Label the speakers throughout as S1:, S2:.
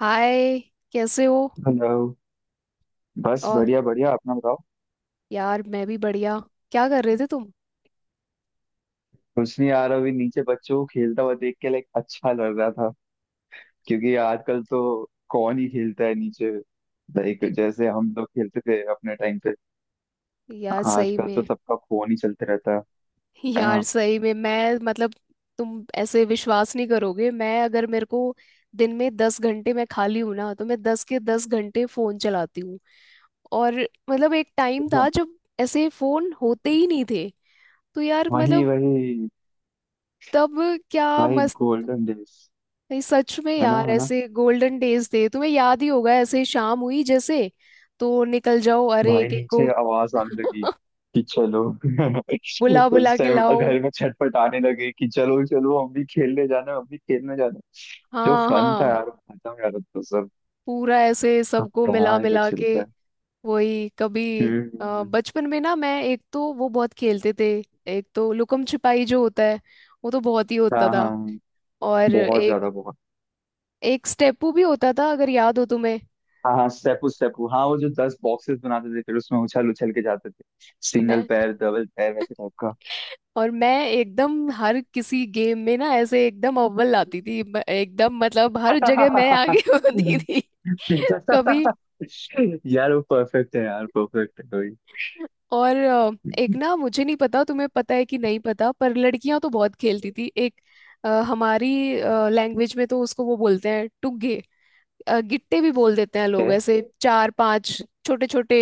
S1: हाय, कैसे हो।
S2: हेलो। बस
S1: और
S2: बढ़िया बढ़िया, अपना बताओ।
S1: यार मैं भी बढ़िया। क्या कर रहे थे तुम।
S2: कुछ नहीं यार, अभी नीचे बच्चों को खेलता हुआ देख के लाइक अच्छा लग रहा था। क्योंकि आजकल तो कौन ही खेलता है नीचे। लाइक
S1: ए-
S2: जैसे हम लोग खेलते थे अपने टाइम पे।
S1: यार सही
S2: आजकल तो
S1: में।
S2: सबका फोन ही चलते रहता है है
S1: यार
S2: ना।
S1: सही में मैं मतलब तुम ऐसे विश्वास नहीं करोगे मैं, अगर मेरे को दिन में 10 घंटे मैं खाली हूं ना तो मैं 10 के 10 घंटे फोन चलाती हूँ। और मतलब एक टाइम था
S2: हाँ,
S1: जब ऐसे फोन होते ही नहीं थे। तो यार
S2: वही
S1: मतलब
S2: वही।
S1: तब क्या
S2: भाई
S1: मस्त।
S2: Golden days.
S1: नहीं, सच में
S2: है ना,
S1: यार
S2: है ना।
S1: ऐसे गोल्डन डेज थे, तुम्हें याद ही होगा, ऐसे शाम हुई जैसे तो निकल जाओ अरे
S2: भाई
S1: एक एक को
S2: नीचे आवाज आने लगी कि चलो
S1: बुला बुला
S2: उस
S1: के
S2: टाइम
S1: लाओ।
S2: घर में छटपट आने लगे कि चलो चलो हम भी खेलने जाना है, हम भी खेलने जाना है। जो
S1: हाँ
S2: फन था
S1: हाँ,
S2: यार वो खत्म। यार अब तो सब,
S1: पूरा ऐसे
S2: अब
S1: सबको मिला
S2: कहाँ ही बच
S1: मिला के
S2: चलता है।
S1: वही कभी।
S2: हम्म हम्म, हम्म।
S1: बचपन में ना मैं एक तो वो बहुत खेलते थे। एक तो लुकम छिपाई जो होता है वो तो बहुत ही होता
S2: हाँ हाँ
S1: था।
S2: हाँ।
S1: और
S2: बहुत
S1: एक
S2: ज्यादा बहुत।
S1: एक स्टेपू भी होता था अगर याद हो तुम्हें।
S2: हाँ हाँ, स्टेपू स्टेपू, हाँ वो जो 10 बॉक्सेस बनाते थे फिर उसमें उछल उछल के जाते थे। सिंगल
S1: मैं
S2: पैर डबल पैर वैसे टाइप का।
S1: और मैं एकदम हर किसी गेम में ना ऐसे एकदम अव्वल आती थी, एकदम मतलब हर जगह मैं आगे होती थी कभी।
S2: यार वो परफेक्ट है यार, परफेक्ट है।
S1: और एक
S2: वही।
S1: ना, मुझे नहीं पता तुम्हें पता है कि नहीं पता, पर लड़कियां तो बहुत खेलती थी एक। हमारी लैंग्वेज में तो उसको वो बोलते हैं टुगे। गिट्टे भी बोल देते हैं लोग, ऐसे चार पांच छोटे छोटे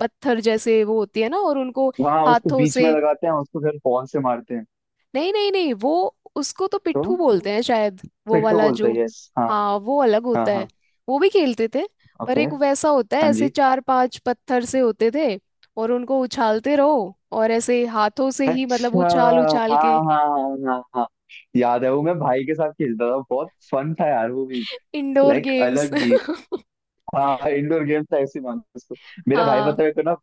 S1: पत्थर जैसे वो होती है ना, और उनको
S2: हाँ उसको
S1: हाथों
S2: बीच में
S1: से।
S2: लगाते हैं, उसको फिर बॉल से मारते हैं।
S1: नहीं नहीं नहीं, वो उसको तो पिट्ठू
S2: तो
S1: बोलते हैं शायद, वो
S2: पिट्ठू
S1: वाला
S2: बोलते
S1: जो।
S2: हैं, यस हाँ।
S1: हाँ वो अलग
S2: हाँ
S1: होता है,
S2: हाँ।
S1: वो भी खेलते थे। पर
S2: ओके।
S1: एक वैसा होता है
S2: हाँ
S1: ऐसे
S2: जी।
S1: चार पांच पत्थर से होते थे। और उनको उछालते रहो और ऐसे हाथों से ही मतलब
S2: अच्छा।
S1: उछाल
S2: हाँ
S1: उछाल के।
S2: हाँ हाँ हाँ हाँ। याद है वो, मैं भाई के साथ खेलता था। बहुत फन था यार वो भी।
S1: Indoor
S2: like
S1: games.
S2: अलग ही। हाँ इंडोर गेम था, ऐसे मान लो उसको। मेरा भाई
S1: हाँ
S2: पता है को ना,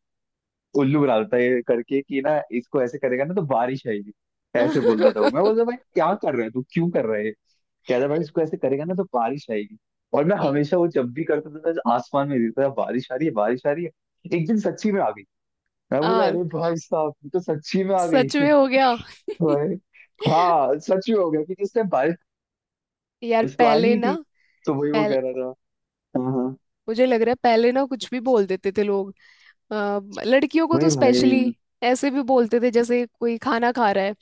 S2: उल्लू बना देता है ये करके कि ना इसको ऐसे करेगा ना तो बारिश आएगी। ऐसे बोलता था वो। मैं बोलता भाई क्या कर रहा है तू, क्यों कर रहा है। कहता भाई इसको ऐसे करेगा ना तो बारिश आएगी। और मैं
S1: यही।
S2: हमेशा वो जब भी करता था तो आसमान में देखता था, बारिश आ रही है बारिश आ रही है। एक दिन सच्ची में आ गई। मैं बोला
S1: आ,
S2: अरे भाई साहब, ये तो सच्ची में आ गई
S1: सच में हो गया।
S2: भाई। हाँ सच में हो गया क्योंकि उस टाइम बारिश,
S1: यार
S2: बारिश तो आनी
S1: पहले
S2: ही
S1: ना,
S2: थी। तो वही वो
S1: पहले
S2: कह रहा था। हाँ हाँ।
S1: मुझे लग रहा है पहले ना कुछ भी बोल देते थे लोग। अ, लड़कियों को तो
S2: वही भाई।
S1: स्पेशली ऐसे भी बोलते थे। जैसे कोई खाना खा रहा है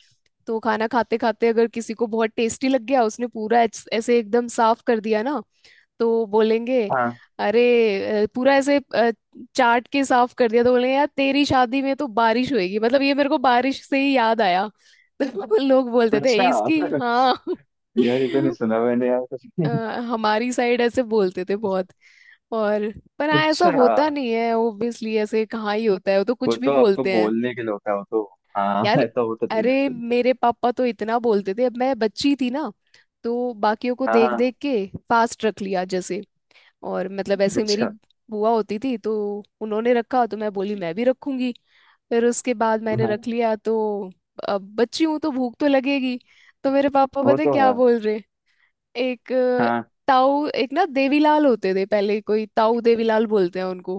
S1: तो खाना खाते खाते अगर किसी को बहुत टेस्टी लग गया, उसने पूरा ऐसे एकदम साफ कर दिया ना, तो बोलेंगे
S2: हाँ।
S1: अरे पूरा ऐसे चाट के साफ कर दिया, तो बोलेंगे यार तेरी शादी में तो बारिश होएगी। मतलब ये मेरे को बारिश से ही याद आया। तो लोग बोलते थे
S2: अच्छा
S1: "ए, इसकी"। हाँ।
S2: यार ये तो नहीं सुना मैंने यार कुछ।
S1: अ, हमारी साइड ऐसे बोलते थे बहुत। और पर हाँ ऐसा
S2: अच्छा।
S1: होता नहीं है ओब्वियसली, ऐसे कहाँ ही होता है, वो तो
S2: वो
S1: कुछ भी
S2: तो आपको
S1: बोलते हैं
S2: बोलने के लिए होता है वो तो। हाँ
S1: यार।
S2: ऐसा होता तो नहीं ना
S1: अरे,
S2: सुन।
S1: मेरे पापा तो इतना बोलते थे। अब मैं बच्ची थी ना, तो बाकियों को
S2: हाँ
S1: देख
S2: हाँ।
S1: देख के फास्ट रख लिया जैसे। और मतलब ऐसे मेरी
S2: अच्छा।
S1: बुआ होती थी, तो उन्होंने रखा तो मैं बोली मैं भी रखूंगी। फिर उसके बाद मैंने
S2: हाँ
S1: रख लिया तो अब बच्ची हूँ तो भूख तो लगेगी। तो मेरे पापा
S2: वो
S1: पता है
S2: तो
S1: क्या
S2: है।
S1: बोल रहे। एक
S2: हाँ।
S1: ताऊ एक ना देवीलाल होते थे पहले, कोई ताऊ देवीलाल बोलते हैं उनको,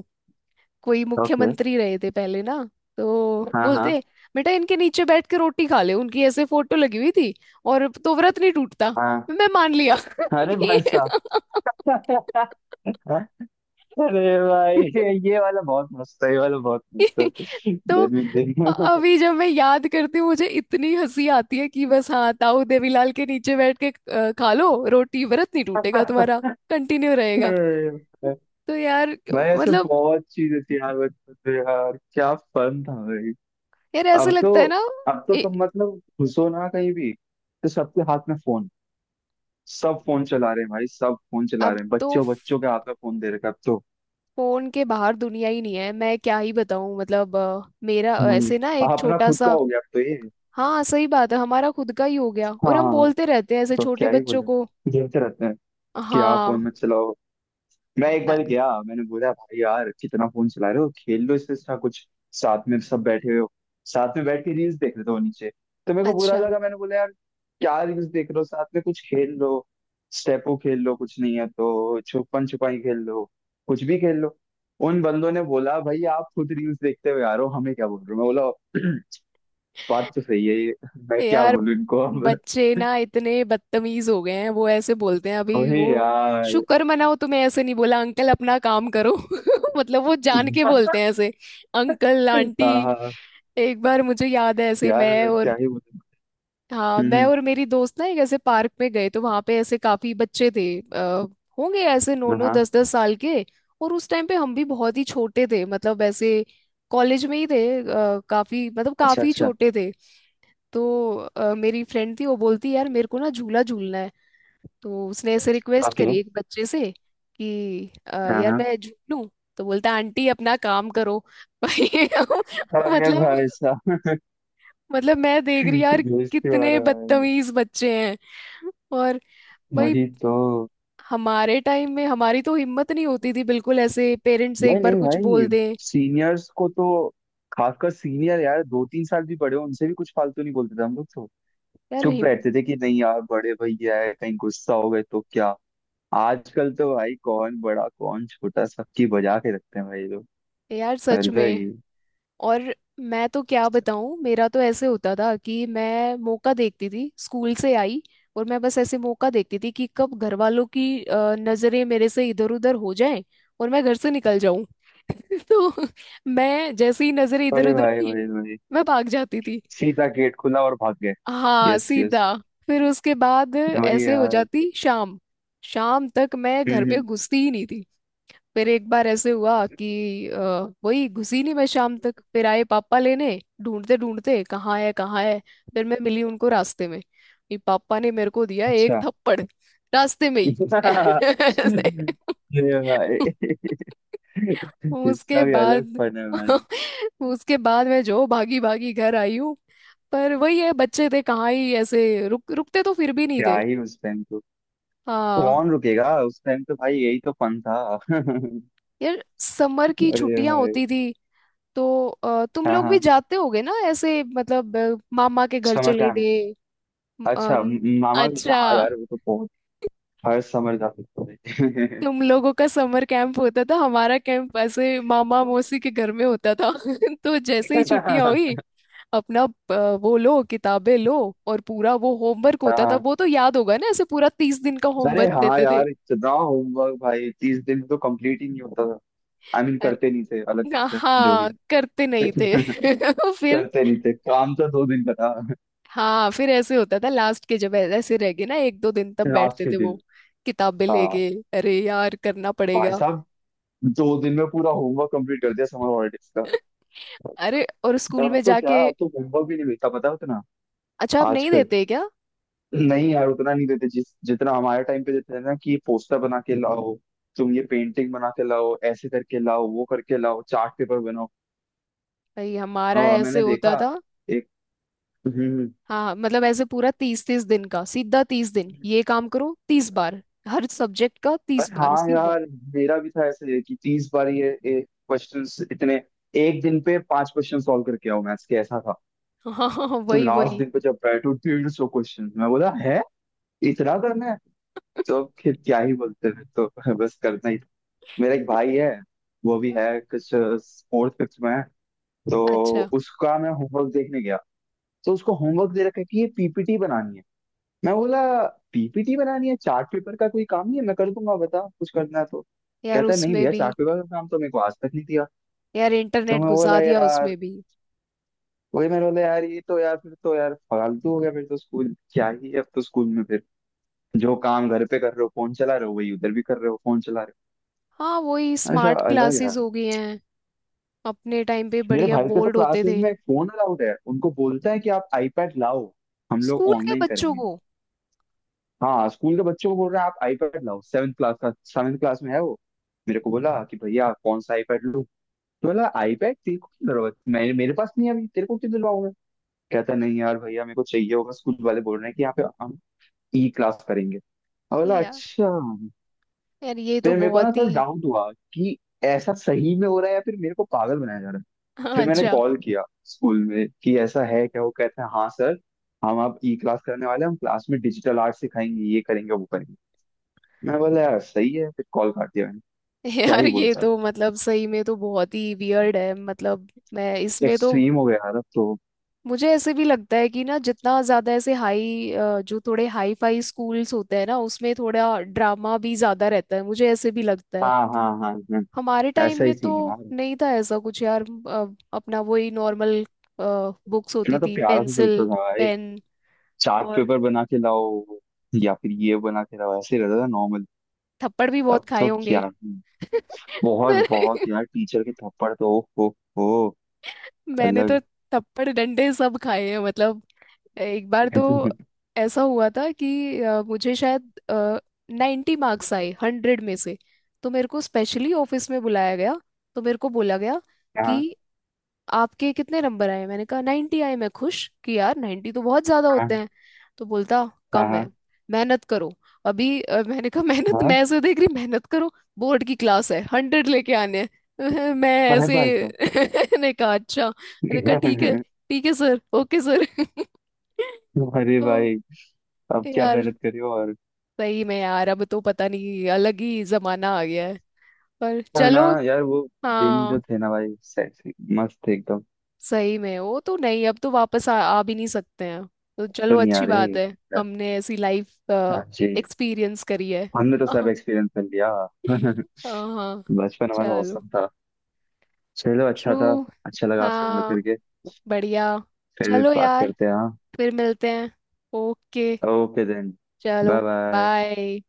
S1: कोई
S2: ओके।
S1: मुख्यमंत्री रहे थे पहले ना। तो
S2: हाँ हाँ
S1: बोलते बेटा इनके नीचे बैठ के रोटी खा ले। उनकी ऐसे फोटो लगी हुई थी। और तो व्रत नहीं टूटता।
S2: हाँ।
S1: मैं मान लिया।
S2: अरे
S1: भी-
S2: भाई साहब। अरे भाई, ये ये वाला बहुत मस्त है, ये वाला बहुत मस्त है।
S1: तो
S2: जन्मदिन
S1: अभी जब मैं याद करती हूँ मुझे इतनी हंसी आती है कि बस, हाँ ताऊ देवीलाल के नीचे बैठ के खा लो रोटी, व्रत नहीं टूटेगा तुम्हारा,
S2: दिन।
S1: कंटिन्यू रहेगा। तो यार
S2: भाई ऐसे
S1: मतलब
S2: बहुत चीज थी यार बचपन में, यार क्या फन था भाई।
S1: यार ऐसे
S2: अब तो,
S1: लगता है ना।
S2: अब तो
S1: ए,
S2: तुम मतलब घुसो ना कहीं भी तो सबके हाथ में फोन। सब फोन चला रहे हैं भाई, सब फोन चला
S1: अब
S2: रहे हैं।
S1: तो
S2: बच्चों बच्चों के हाथ में फोन दे रखा है अब तो।
S1: फोन के बाहर दुनिया ही नहीं है। मैं क्या ही बताऊं, मतलब मेरा
S2: भाई
S1: ऐसे ना एक
S2: अपना
S1: छोटा
S2: खुद का
S1: सा।
S2: हो गया अब तो ये।
S1: हाँ सही बात है हमारा खुद का ही हो गया, और हम
S2: हाँ।
S1: बोलते रहते हैं ऐसे
S2: तो
S1: छोटे
S2: क्या ही
S1: बच्चों
S2: बोले।
S1: को।
S2: खेलते रहते हैं कि आप
S1: हाँ,
S2: फोन मत चलाओ। मैं एक
S1: अ-
S2: बार गया, मैंने बोला भाई यार कितना फोन चला रहे हो, खेल लो इससे अच्छा कुछ। साथ में सब बैठे हो, साथ में बैठ के रील्स देख रहे थे वो नीचे। तो मेरे को बुरा
S1: अच्छा।
S2: लगा, मैंने बोला यार क्या रील्स देख रहे हो, साथ में कुछ खेल लो। स्टेपो खेल लो, कुछ नहीं है तो छुपन छुपाई खेल लो। कुछ भी खेल लो। उन बंदों ने बोला भाई आप खुद रील्स देखते हो यार, हो हमें क्या बोल रहे हो। मैं बोला बात तो सही है ये। मैं क्या
S1: यार
S2: बोलूं इनको अब।
S1: बच्चे ना इतने बदतमीज हो गए हैं, वो ऐसे बोलते हैं अभी
S2: वही
S1: वो।
S2: यार।
S1: शुक्र मनाओ तुम्हें ऐसे नहीं बोला अंकल अपना काम करो। मतलब वो जान के बोलते हैं ऐसे अंकल आंटी।
S2: हाँ हाँ।
S1: एक बार मुझे याद है, ऐसे
S2: यार
S1: मैं और,
S2: क्या ही बोलूं।
S1: हाँ मैं
S2: हम्म
S1: और मेरी दोस्त ना एक ऐसे पार्क में गए, तो वहां पे ऐसे काफी बच्चे थे। आ, होंगे ऐसे नौ नौ
S2: हाँ।
S1: दस दस साल के। और उस टाइम पे हम भी बहुत ही छोटे थे, मतलब ऐसे कॉलेज में ही थे। काफी मतलब
S2: अच्छा
S1: काफी
S2: अच्छा।
S1: छोटे थे। तो मेरी फ्रेंड थी, वो बोलती यार मेरे को ना झूला झूलना है। तो उसने ऐसे रिक्वेस्ट
S2: ओके।
S1: करी एक बच्चे से कि
S2: हाँ
S1: यार
S2: हाँ।
S1: मैं झूलूं"। तो बोलता आंटी अपना काम करो। भाई।
S2: अरे
S1: मतलब,
S2: भाई साहब,
S1: मतलब मैं देख रही यार
S2: बेइज्जती हो रहा है
S1: कितने
S2: भाई।
S1: बदतमीज बच्चे हैं। और भाई
S2: वही तो।
S1: हमारे टाइम में हमारी तो हिम्मत नहीं होती थी बिल्कुल ऐसे पेरेंट्स से एक
S2: भाई
S1: बार
S2: नहीं
S1: कुछ बोल
S2: भाई,
S1: दें।
S2: सीनियर्स को तो, खासकर सीनियर, यार 2-3 साल भी बड़े हो उनसे भी कुछ फालतू नहीं बोलते थे हम लोग तो।
S1: यार
S2: चुप
S1: हिम
S2: रहते थे कि नहीं यार बड़े भैया है, कहीं गुस्सा हो गए तो क्या। आजकल तो भाई कौन बड़ा कौन छोटा, सबकी बजा के रखते हैं भाई लोग।
S1: यार सच
S2: अलग
S1: में।
S2: ही।
S1: और मैं तो क्या बताऊं, मेरा तो ऐसे होता था कि मैं मौका देखती थी स्कूल से आई, और मैं बस ऐसे मौका देखती थी कि कब घर वालों की नजरें मेरे से इधर उधर हो जाएं और मैं घर से निकल जाऊं। तो मैं जैसे ही नजरें इधर
S2: अरे
S1: उधर
S2: भाई
S1: हुई,
S2: भाई भाई,
S1: मैं भाग जाती थी।
S2: सीधा गेट खुला और भाग गए।
S1: हाँ
S2: यस यस।
S1: सीधा। फिर उसके बाद
S2: वही
S1: ऐसे हो
S2: यार।
S1: जाती शाम, शाम तक मैं घर
S2: हम्म
S1: में
S2: हम्म,
S1: घुसती ही नहीं थी। फिर एक बार ऐसे हुआ कि वही घुसी नहीं मैं शाम तक, फिर आए पापा लेने, ढूंढते ढूंढते, कहाँ है कहाँ है। फिर मैं मिली उनको रास्ते में। ये पापा ने मेरे को दिया एक
S2: अच्छा।
S1: थप्पड़, रास्ते में ही। ऐसे।
S2: ये भाई
S1: उसके
S2: इसका भी अलग
S1: बाद,
S2: फन है भाई।
S1: उसके बाद मैं जो भागी भागी घर आई हूँ। पर वही है बच्चे थे, कहाँ ही ऐसे रुक रुकते तो फिर भी नहीं
S2: क्या
S1: थे।
S2: ही उस टाइम तो। तो
S1: हाँ
S2: कौन रुकेगा उस टाइम तो भाई, यही तो फन था
S1: यार समर की
S2: अरे
S1: छुट्टियां
S2: भाई।
S1: होती थी, तो तुम
S2: हाँ
S1: लोग भी
S2: हाँ।
S1: जाते होगे ना ऐसे मतलब मामा के घर
S2: समर
S1: चले
S2: कैंप।
S1: गए। म, अ,
S2: अच्छा,
S1: न-
S2: मामा भी,
S1: अच्छा,
S2: हाँ यार वो तो बहुत। हर समर जा सकते हैं।
S1: तुम लोगों का समर कैंप होता था, हमारा कैंप ऐसे मामा मौसी के घर में होता था। तो जैसे ही छुट्टियां हुई, अपना वो लो किताबें लो। और पूरा वो होमवर्क
S2: हाँ
S1: होता था,
S2: हाँ।
S1: वो तो याद होगा ना, ऐसे पूरा 30 दिन का
S2: अरे
S1: होमवर्क
S2: हाँ
S1: देते थे।
S2: यार इतना होमवर्क भाई, 30 दिन तो कंप्लीट ही नहीं होता। आई मीन करते
S1: अरे,
S2: नहीं थे, अलग बात है, जो भी।
S1: हाँ करते नहीं थे। फिर
S2: करते नहीं थे, काम तो 2 दिन का था।
S1: हाँ, फिर ऐसे होता था लास्ट के जब ऐसे रह गए ना एक दो दिन, तब
S2: लास्ट
S1: बैठते
S2: के
S1: थे वो
S2: दिन।
S1: किताबें
S2: हाँ।
S1: लेके, अरे यार करना
S2: भाई
S1: पड़ेगा।
S2: साहब, 2 दिन में पूरा होमवर्क कंप्लीट कर दिया समर हॉलीडेज का।
S1: अरे और स्कूल
S2: अब
S1: में
S2: तो क्या,
S1: जाके।
S2: अब तो होमवर्क भी नहीं मिलता पता है उतना।
S1: अच्छा आप नहीं
S2: आजकल
S1: देते क्या।
S2: नहीं यार उतना नहीं देते जिस जितना हमारे टाइम पे देते थे ना, कि पोस्टर बना के लाओ, तुम ये पेंटिंग बना के लाओ, ऐसे करके लाओ वो करके लाओ, चार्ट पेपर बनाओ।
S1: भाई हमारा ऐसे
S2: मैंने
S1: होता
S2: देखा
S1: था।
S2: एक। हम्म।
S1: हाँ मतलब ऐसे पूरा 30 30 दिन का सीधा, 30 दिन ये काम करो 30 बार, हर सब्जेक्ट का तीस
S2: बस
S1: बार
S2: हाँ
S1: सीधा।
S2: यार, मेरा भी था ऐसे कि 30 बार ये क्वेश्चंस इतने। एक दिन पे 5 क्वेश्चन सॉल्व करके आओ मैथ्स के, ऐसा था।
S1: हाँ हाँ हाँ,
S2: तो
S1: वही
S2: लास्ट
S1: वही।
S2: दिन पे जब बैठो तो 150 क्वेश्चन मैं बोला है, इतना करना है। तो अब फिर क्या ही बोलते हैं, तो बस करना ही। मेरा एक भाई है, वो भी है कुछ फोर्थ फिफ्थ में है। तो
S1: अच्छा,
S2: उसका मैं होमवर्क देखने गया। तो उसको होमवर्क दे रखा है कि ये PPT बनानी है। मैं बोला PPT बनानी है, चार्ट पेपर का कोई काम नहीं है, मैं कर दूंगा बता कुछ करना है तो।
S1: यार
S2: कहता है नहीं
S1: उसमें
S2: भैया,
S1: भी
S2: चार्ट पेपर का काम तो मेरे को आज तक नहीं दिया।
S1: यार
S2: तो
S1: इंटरनेट
S2: मैं
S1: घुसा
S2: बोला
S1: दिया
S2: यार,
S1: उसमें भी।
S2: वही मैं बोला यार ये तो यार, फिर तो यार फालतू हो गया, फिर तो स्कूल क्या ही है। अब तो स्कूल में फिर जो काम घर पे कर रहे हो, फोन चला रहे हो, वही उधर भी कर रहे हो, फोन चला रहे
S1: हाँ वही
S2: हो। ऐसा
S1: स्मार्ट
S2: अलग
S1: क्लासेस
S2: यार।
S1: हो गई हैं। अपने टाइम पे
S2: मेरे
S1: बढ़िया
S2: भाई के तो
S1: बोर्ड होते
S2: क्लासेस
S1: थे।
S2: में फोन अलाउड है, उनको बोलता है कि आप आईपैड लाओ, हम लोग
S1: स्कूल के
S2: ऑनलाइन
S1: बच्चों
S2: करेंगे।
S1: को।
S2: हाँ स्कूल के बच्चों को बोल रहा है आप आईपैड लाओ, 7 क्लास का, 7 क्लास में है वो। मेरे को बोला कि भैया कौन सा आईपैड लूँ। तो बोला आईपैड तेरे को क्या जरूरत, मेरे मेरे पास नहीं है अभी, तेरे को क्यों दिलवाऊं मैं। कहता नहीं यार भैया मेरे को चाहिए होगा, स्कूल वाले बोल रहे हैं कि यहाँ पे हम ई क्लास करेंगे। और बोला
S1: या
S2: अच्छा।
S1: यार ये तो
S2: फिर मेरे को ना
S1: बहुत ही।
S2: सर डाउट हुआ कि ऐसा सही में हो रहा है या फिर मेरे को पागल बनाया जा रहा है। फिर मैंने
S1: अच्छा,
S2: कॉल किया स्कूल में कि ऐसा है क्या, वो कहते हैं हाँ सर, हम आप ई क्लास करने वाले हैं, हम क्लास में डिजिटल आर्ट सिखाएंगे, ये करेंगे वो करेंगे। मैं बोला यार सही है, फिर कॉल काट दिया मैंने। क्या
S1: यार
S2: ही
S1: ये
S2: बोलता।
S1: तो मतलब सही में तो बहुत ही वियर्ड है, मतलब मैं इसमें तो,
S2: एक्सट्रीम हो गया यार अब तो।
S1: मुझे ऐसे भी लगता है कि ना जितना ज्यादा ऐसे हाई, जो थोड़े हाई फाई स्कूल्स होते हैं ना उसमें थोड़ा ड्रामा भी ज्यादा रहता है, मुझे ऐसे भी लगता है।
S2: हाँ हाँ हाँ हाँ,
S1: हमारे टाइम
S2: ऐसा ही
S1: में तो
S2: सीन है यार।
S1: नहीं था ऐसा कुछ यार। अ, अपना वही नॉर्मल बुक्स होती
S2: इतना तो
S1: थी,
S2: प्यारा से चलता
S1: पेंसिल
S2: था भाई,
S1: पेन।
S2: चार्ट
S1: और
S2: पेपर बना के लाओ या फिर ये बना के लाओ, ऐसे ही रहता था नॉर्मल।
S1: थप्पड़ भी बहुत
S2: अब
S1: खाए
S2: तो
S1: होंगे।
S2: क्या ही। बहुत
S1: पर
S2: बहुत यार टीचर के थप्पड़ तो ओ हो हो।
S1: मैंने तो
S2: अलग।
S1: थप्पड़ डंडे सब खाए हैं, मतलब एक बार तो ऐसा हुआ था कि मुझे शायद 90 मार्क्स आए 100 में से। तो मेरे को स्पेशली ऑफिस में बुलाया गया। तो मेरे को बोला गया
S2: हाँ
S1: कि आपके कितने नंबर आए। मैंने कहा 90 आए, मैं खुश कि यार 90 तो बहुत ज्यादा
S2: हाँ
S1: होते हैं। तो बोलता
S2: हाँ
S1: कम है,
S2: हाँ
S1: मेहनत करो। अभी मैंने कहा मेहनत,
S2: हाँ,
S1: मैं ऐसे देख रही मेहनत करो, बोर्ड की क्लास है 100 लेके आने हैं। मैं
S2: अरे
S1: ऐसे
S2: भाई साहब।
S1: ने कहा अच्छा, मैंने कहा ठीक है सर, ओके सर।
S2: अरे भाई,
S1: तो
S2: अब क्या
S1: यार
S2: मेहनत करे और।
S1: सही में यार अब तो पता नहीं, अलग ही जमाना आ गया है। पर
S2: है ना
S1: चलो।
S2: यार वो दिन जो
S1: हाँ,
S2: थे ना भाई, मस्त थे एकदम।
S1: सही में वो तो नहीं, अब तो वापस आ भी नहीं सकते हैं। तो चलो
S2: दुनिया
S1: अच्छी
S2: रे।
S1: बात है, हमने ऐसी लाइफ
S2: हाँ जी।
S1: एक्सपीरियंस करी है।
S2: हमने तो सब
S1: हाँ।
S2: एक्सपीरियंस कर लिया।
S1: हाँ।
S2: बचपन हमारा
S1: चलो।
S2: औसम था। चलो अच्छा
S1: ट्रू।
S2: था। अच्छा लगा आपसे बात
S1: हाँ।
S2: करके।
S1: बढ़िया।
S2: फिर
S1: चलो
S2: बात
S1: यार
S2: करते हैं हाँ।
S1: फिर मिलते हैं। Okay,
S2: okay then.
S1: चलो।
S2: Bye bye.
S1: बाय।